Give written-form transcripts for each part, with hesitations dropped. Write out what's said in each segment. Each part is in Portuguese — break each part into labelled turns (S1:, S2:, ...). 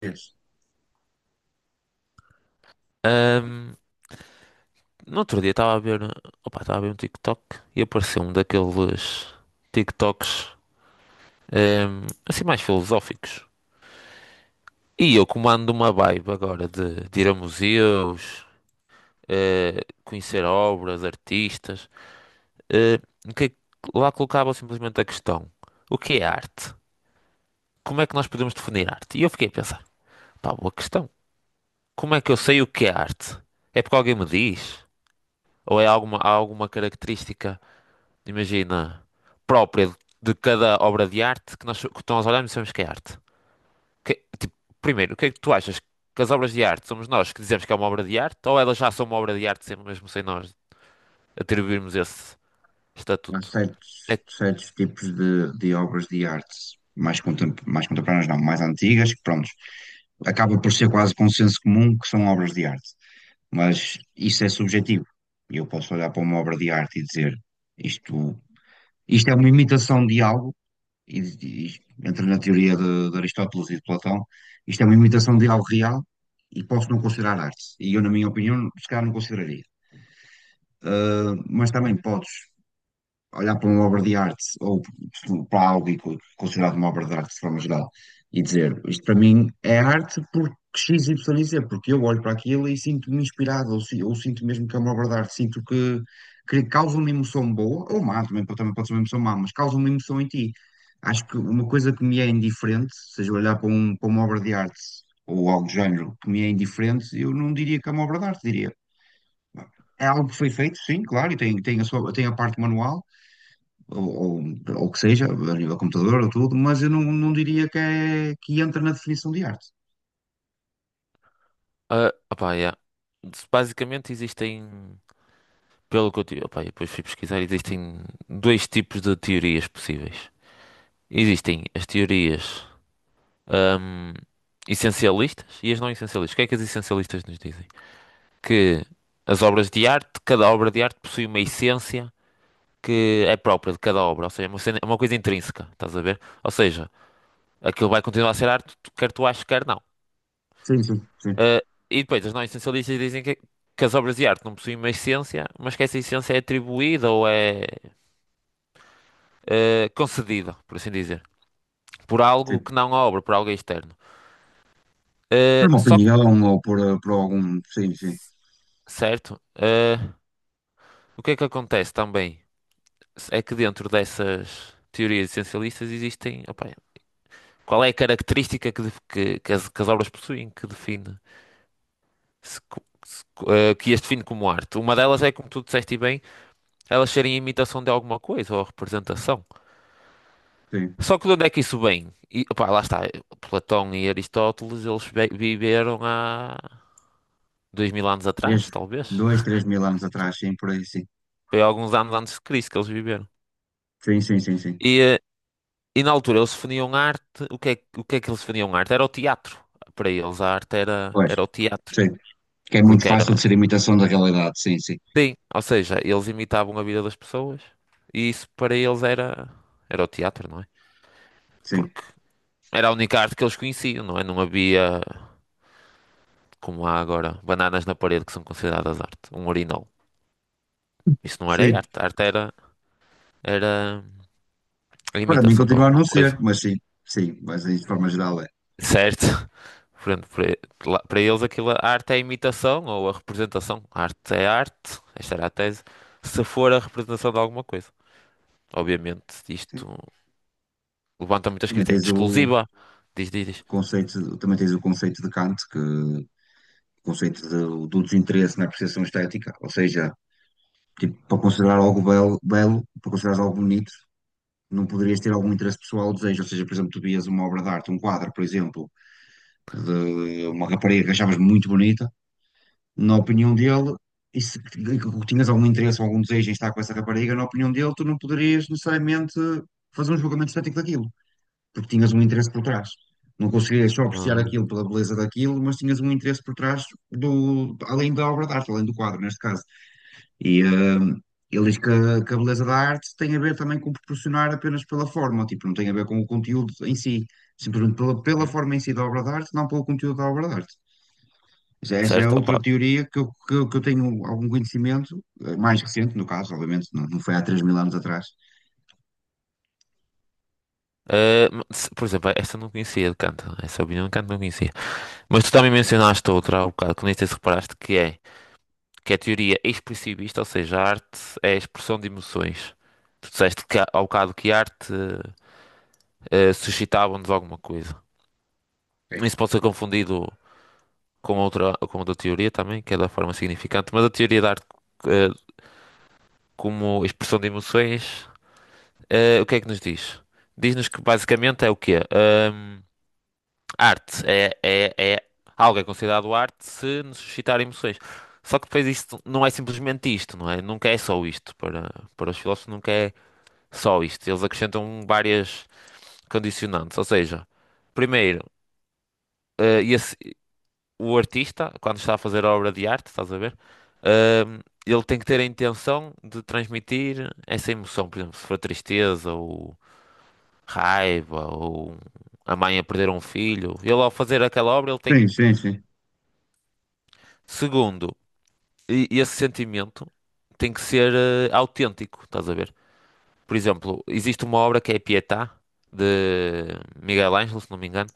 S1: Vês,
S2: Ahm, no outro dia estava a ver, opa, estava a ver um TikTok e apareceu um daqueles TikToks, assim mais filosóficos. E eu comando uma vibe agora de ir a museus, conhecer obras, artistas, eh, que lá colocava simplesmente a questão: o que é arte? Como é que nós podemos definir arte? E eu fiquei a pensar: pá, boa questão. Como é que eu sei o que é arte? É porque alguém me diz? Ou é alguma, há alguma característica? Imagina, própria de cada obra de arte que nós olhamos e sabemos que é arte. Tipo, primeiro, o que é que tu achas? Que as obras de arte somos nós que dizemos que é uma obra de arte ou elas já são uma obra de arte sempre mesmo sem nós atribuirmos esse
S1: há
S2: estatuto?
S1: certos,
S2: É,
S1: certos tipos de obras de arte mais contemporâneas, não, mais antigas, que pronto, acaba por ser quase consenso comum que são obras de arte. Mas isso é subjetivo. E eu posso olhar para uma obra de arte e dizer isto, isto é uma imitação de algo, entra na teoria de Aristóteles e de Platão, isto é uma imitação de algo real e posso não considerar arte. E eu, na minha opinião, se calhar não consideraria. Ah, mas também podes olhar para uma obra de arte ou para algo e considerado uma obra de arte de forma geral, e dizer isto para mim é arte porque X, Y e Z, porque eu olho para aquilo e sinto-me inspirado, ou, ou sinto mesmo que é uma obra de arte, sinto que causa uma emoção boa, ou má, também, também pode ser uma emoção má, mas causa uma emoção em ti. Acho que uma coisa que me é indiferente, seja olhar para, para uma obra de arte ou algo do género que me é indiferente, eu não diria que é uma obra de arte, diria. É algo que foi feito, sim, claro, e tem, tem a sua, tem a parte manual, ou, ou, ou que seja, a nível computador ou tudo, mas eu não, não diria que, é, que entra na definição de arte.
S2: ah, opá, yeah. Basicamente existem, pelo que eu tive, opá, eu depois fui pesquisar, existem dois tipos de teorias possíveis. Existem as teorias, ahm, essencialistas e as não essencialistas. O que é que as essencialistas nos dizem? Que as obras de arte, cada obra de arte possui uma essência que é própria de cada obra, ou seja, é uma coisa intrínseca, estás a ver? Ou seja, aquilo vai continuar a ser arte, quer tu aches, quer não.
S1: Sim, sim, sim,
S2: Ah, e depois, os não-essencialistas dizem que as obras de arte não possuem uma essência, mas que essa essência é atribuída ou é concedida, por assim dizer, por algo
S1: sim.
S2: que não a obra, por algo externo.
S1: Por
S2: Ah,
S1: uma
S2: só que,
S1: opinião ou por, por algum. Sim, sim,
S2: certo, ah, o que é que acontece também? É que dentro dessas teorias essencialistas existem, opá, qual é a característica que, def- que as obras possuem que define se co- se co- eh, que as define como arte? Uma delas é, como tu disseste e bem, elas serem imitação de alguma coisa ou representação.
S1: sim.
S2: Só que de onde é que isso vem? E, opá, lá está, Platão e Aristóteles, eles viveram há 2000 anos
S1: Desde
S2: atrás, talvez.
S1: dois, 3 mil anos atrás, sim, por aí, sim.
S2: Foi alguns anos antes de Cristo que eles viveram.
S1: Sim, sim, sim, sim.
S2: E, e na altura eles definiam arte, o que é, o que é que eles definiam arte? Era o teatro. Para eles a arte era,
S1: Pois,
S2: era o teatro,
S1: sim. Que é muito
S2: porque era...
S1: fácil de ser imitação da realidade, sim, sim,
S2: Sim, ou seja, eles imitavam a vida das pessoas e isso para eles era, era o teatro, não é?
S1: sim.
S2: Porque era a única arte que eles conheciam, não é? Não havia, como há agora, bananas na parede que são consideradas arte, um urinol. Isso não era
S1: Sim.
S2: arte, arte era, era a
S1: Para mim
S2: imitação de
S1: continua a
S2: alguma
S1: não ser,
S2: coisa,
S1: mas sim, sim, mas de forma geral é.
S2: certo? Portanto, para eles aquilo, a arte é a imitação ou a representação. A arte é arte, esta era a tese, se for a representação de alguma coisa. Obviamente,
S1: Sim.
S2: isto levanta muitas
S1: Também
S2: críticas, é muito
S1: tens o
S2: exclusiva. Diz, diz, diz.
S1: conceito, também tens o conceito de Kant, que conceito do desinteresse na apreciação estética, ou seja, tipo, para considerar algo belo, belo, para considerar algo bonito, não poderias ter algum interesse pessoal ou desejo, ou seja, por exemplo, tu vias uma obra de arte, um quadro, por exemplo, de uma rapariga que achavas muito bonita, na opinião dele, e se e que tinhas algum interesse ou algum desejo em estar com essa rapariga, na opinião dele, tu não poderias necessariamente fazer um julgamento estético daquilo porque tinhas um interesse por trás. Não conseguias só apreciar
S2: Hum.
S1: aquilo pela beleza daquilo, mas tinhas um interesse por trás do, além da obra de arte, além do quadro, neste caso. E ele diz que a beleza da arte tem a ver também com proporcionar apenas pela forma, tipo, não tem a ver com o conteúdo em si, simplesmente pela
S2: Uhum.
S1: forma em si da obra de arte, não pelo conteúdo da obra de arte. Já esta é
S2: Certo,
S1: outra
S2: opa.
S1: teoria que eu, que, eu tenho algum conhecimento, mais recente no caso, obviamente, não, não foi há 3 mil anos atrás.
S2: Por exemplo, esta eu não conhecia de canto. Essa opinião de canto não conhecia. Mas tu também mencionaste outra há um bocado, que nem sei se reparaste, que é a teoria expressivista, ou seja, a arte é a expressão de emoções. Tu disseste ao bocado que a arte suscitava-nos alguma coisa. Isso pode ser confundido com outra teoria também, que é da forma significante, mas a teoria da arte eh, como expressão de emoções, o que é que nos diz? Diz-nos que basicamente é o quê? Hum. Arte é algo é considerado arte se nos suscitar emoções. Só que depois isto não é simplesmente isto, não é? Nunca é só isto. Para os filósofos nunca é só isto. Eles acrescentam várias condicionantes. Ou seja, primeiro, eh, esse- o artista, quando está a fazer a obra de arte, estás a ver? Eh, Ele tem que ter a intenção de transmitir essa emoção. Por exemplo, se for tristeza ou raiva ou a mãe a perder um filho. Ele ao fazer aquela obra, ele
S1: Sim,
S2: tem...
S1: sim, sim.
S2: Segundo, e esse sentimento tem que ser autêntico, estás a ver? Por exemplo, existe uma obra que é a Pietà, de Miguel Ângelo, se não me engano,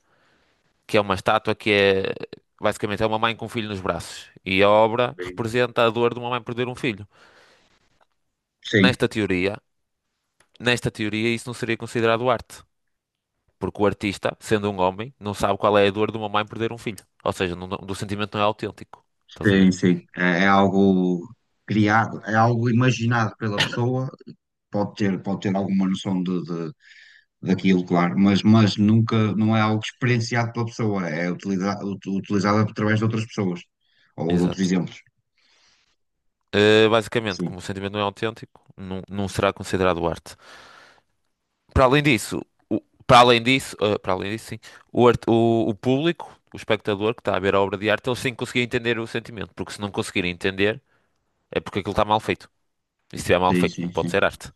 S2: que é uma estátua que é basicamente é uma mãe com um filho nos braços. E a obra representa a dor de uma mãe perder um filho.
S1: Sim,
S2: Nesta teoria, nesta teoria, isso não seria considerado arte, porque o artista, sendo um homem, não sabe qual é a dor de uma mãe perder um filho. Ou seja, do sentimento não é autêntico. Estás a ver?
S1: sim, sim. É, é algo criado, é algo imaginado pela pessoa. Pode ter alguma noção de, daquilo, claro, mas nunca, não é algo experienciado pela pessoa, é utilizado, utilizado através de outras pessoas ou de outros
S2: Exato.
S1: exemplos.
S2: Basicamente,
S1: Sim,
S2: como o sentimento não é autêntico, não será considerado arte. Para além disso, o- para além disso, sim, o público, o espectador que está a ver a obra de arte, ele sim conseguia entender o sentimento, porque se não conseguir entender, é porque aquilo está mal feito. E se estiver mal
S1: sim,
S2: feito, não
S1: sim,
S2: pode
S1: sim.
S2: ser arte.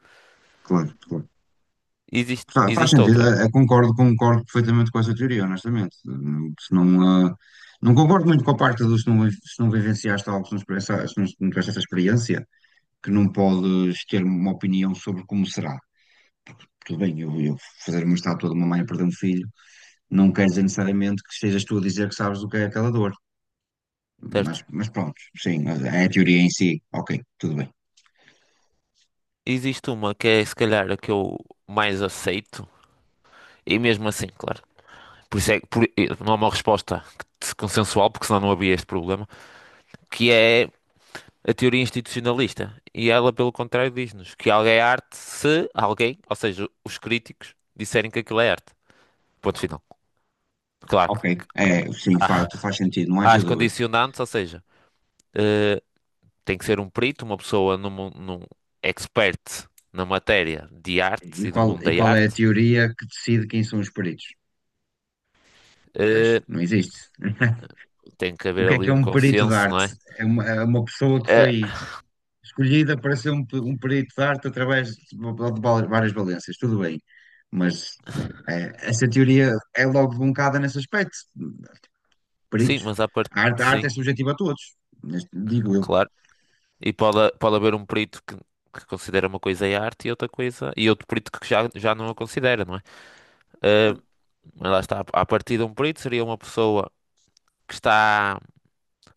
S1: Claro, claro. Faz
S2: Existe
S1: sentido,
S2: outra,
S1: concordo, concordo perfeitamente com essa teoria, honestamente. Se não, ah, não concordo muito com a parte do se não, se não vivenciaste algo, se não, se não tiveste essa experiência, que não podes ter uma opinião sobre como será. Tudo bem, eu fazer uma estátua de uma mãe a perder um filho, não quer dizer necessariamente que estejas tu a dizer que sabes o que é aquela dor. Mas,
S2: certo?
S1: mas pronto, sim, é a teoria em si. Ok, tudo bem.
S2: Existe uma que é se calhar a que eu mais aceito, e mesmo assim, claro. Por isso é que não há uma resposta que se- consensual, porque senão não havia este problema, que é a teoria institucionalista. E ela, pelo contrário, diz-nos que algo é arte se alguém, ou seja, os críticos, disserem que aquilo é arte. Ponto final. Claro
S1: Ok,
S2: que há,
S1: é, sim, faz,
S2: há-
S1: faz sentido, não
S2: há
S1: haja
S2: as
S1: dúvida.
S2: condicionantes, ou seja, eh, tem que ser um perito, uma pessoa num expert na matéria de
S1: E
S2: arte e do
S1: qual,
S2: mundo
S1: e
S2: da
S1: qual é a
S2: arte.
S1: teoria que decide quem são os peritos? Pois,
S2: Eh,
S1: não existe.
S2: Tem que
S1: O
S2: haver
S1: que
S2: ali
S1: é
S2: um
S1: um perito de
S2: consenso, não
S1: arte?
S2: é?
S1: É uma pessoa que
S2: Eh,
S1: foi escolhida para ser um perito de arte através de várias valências, tudo bem. Mas é, essa teoria é logo debuncada nesse aspecto.
S2: sim,
S1: Peritos.
S2: mas à parte,
S1: A arte
S2: sim,
S1: é subjetiva a todos, digo eu.
S2: claro. E pode haver um perito que considera uma coisa é arte e outra coisa. E outro perito já não a considera, não é? Ah,
S1: Claro.
S2: mas lá está. A partir de um perito seria uma pessoa que está.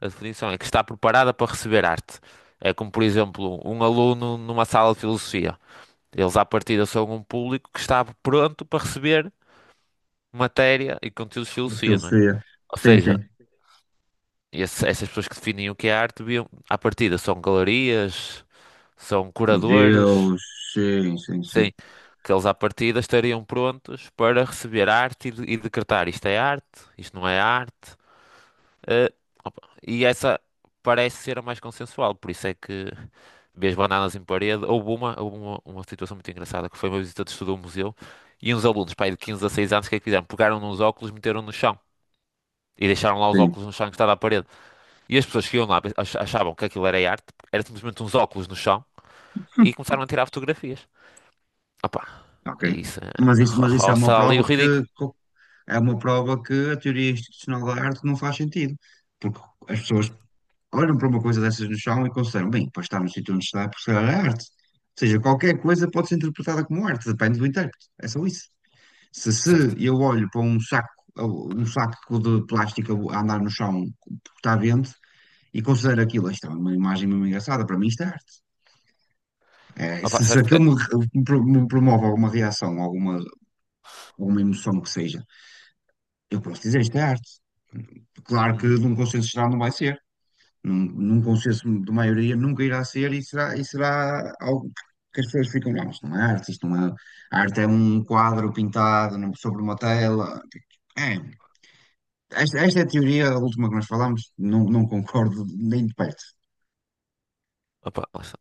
S2: A definição é que está preparada para receber arte. É como, por exemplo, um aluno numa sala de filosofia. Eles, à partida, são um público que está pronto para receber matéria e conteúdos de
S1: Na
S2: filosofia, não é?
S1: Filosofia.
S2: Ou
S1: Sim,
S2: seja,
S1: sim.
S2: essas pessoas que definem o que é arte, deviam, à partida, são galerias, são curadores.
S1: Deus, sim, sim, sim.
S2: Sim, que eles à partida estariam prontos para receber arte e decretar isto é arte, isto não é arte. eh, opa, e essa parece ser a mais consensual, por isso é que vês bananas em parede. Houve uma situação muito engraçada que foi uma visita de estudo a um museu e uns alunos, pai de 15 a 6 anos, o que é que fizeram? Pegaram nos óculos, meteram no chão. E deixaram lá os
S1: Sim.
S2: óculos no chão que estava à parede. E as pessoas que iam lá achavam que aquilo era arte, era simplesmente uns óculos no chão, e começaram a tirar fotografias. Opa,
S1: Ok.
S2: é isso.
S1: Mas isso é uma
S2: Roça ali o
S1: prova que,
S2: ridículo.
S1: é uma prova que a teoria institucional da arte não faz sentido. Porque as pessoas olham para uma coisa dessas no chão e consideram, bem, para estar no sítio onde está, porque é arte. Ou seja, qualquer coisa pode ser interpretada como arte, depende do intérprete. É só isso. Se,
S2: Certo.
S1: se eu olho para um saco de plástico a andar no chão porque está vento e considero aquilo, isto é uma imagem mesmo engraçada, para mim isto é arte. É, se,
S2: Opa,
S1: se
S2: certo. Eh.
S1: aquilo me, me promove alguma reação, alguma ou uma emoção que seja, eu posso dizer isto é arte. Claro que
S2: Uhum.
S1: num consenso geral não vai ser, num consenso de maioria nunca irá ser e será algo que as pessoas ficam, não, isto não é arte, isto não é. A arte é um quadro pintado sobre uma tela. É, esta é a teoria, a última que nós falámos, não, não concordo nem de perto.
S2: Opa, lá está.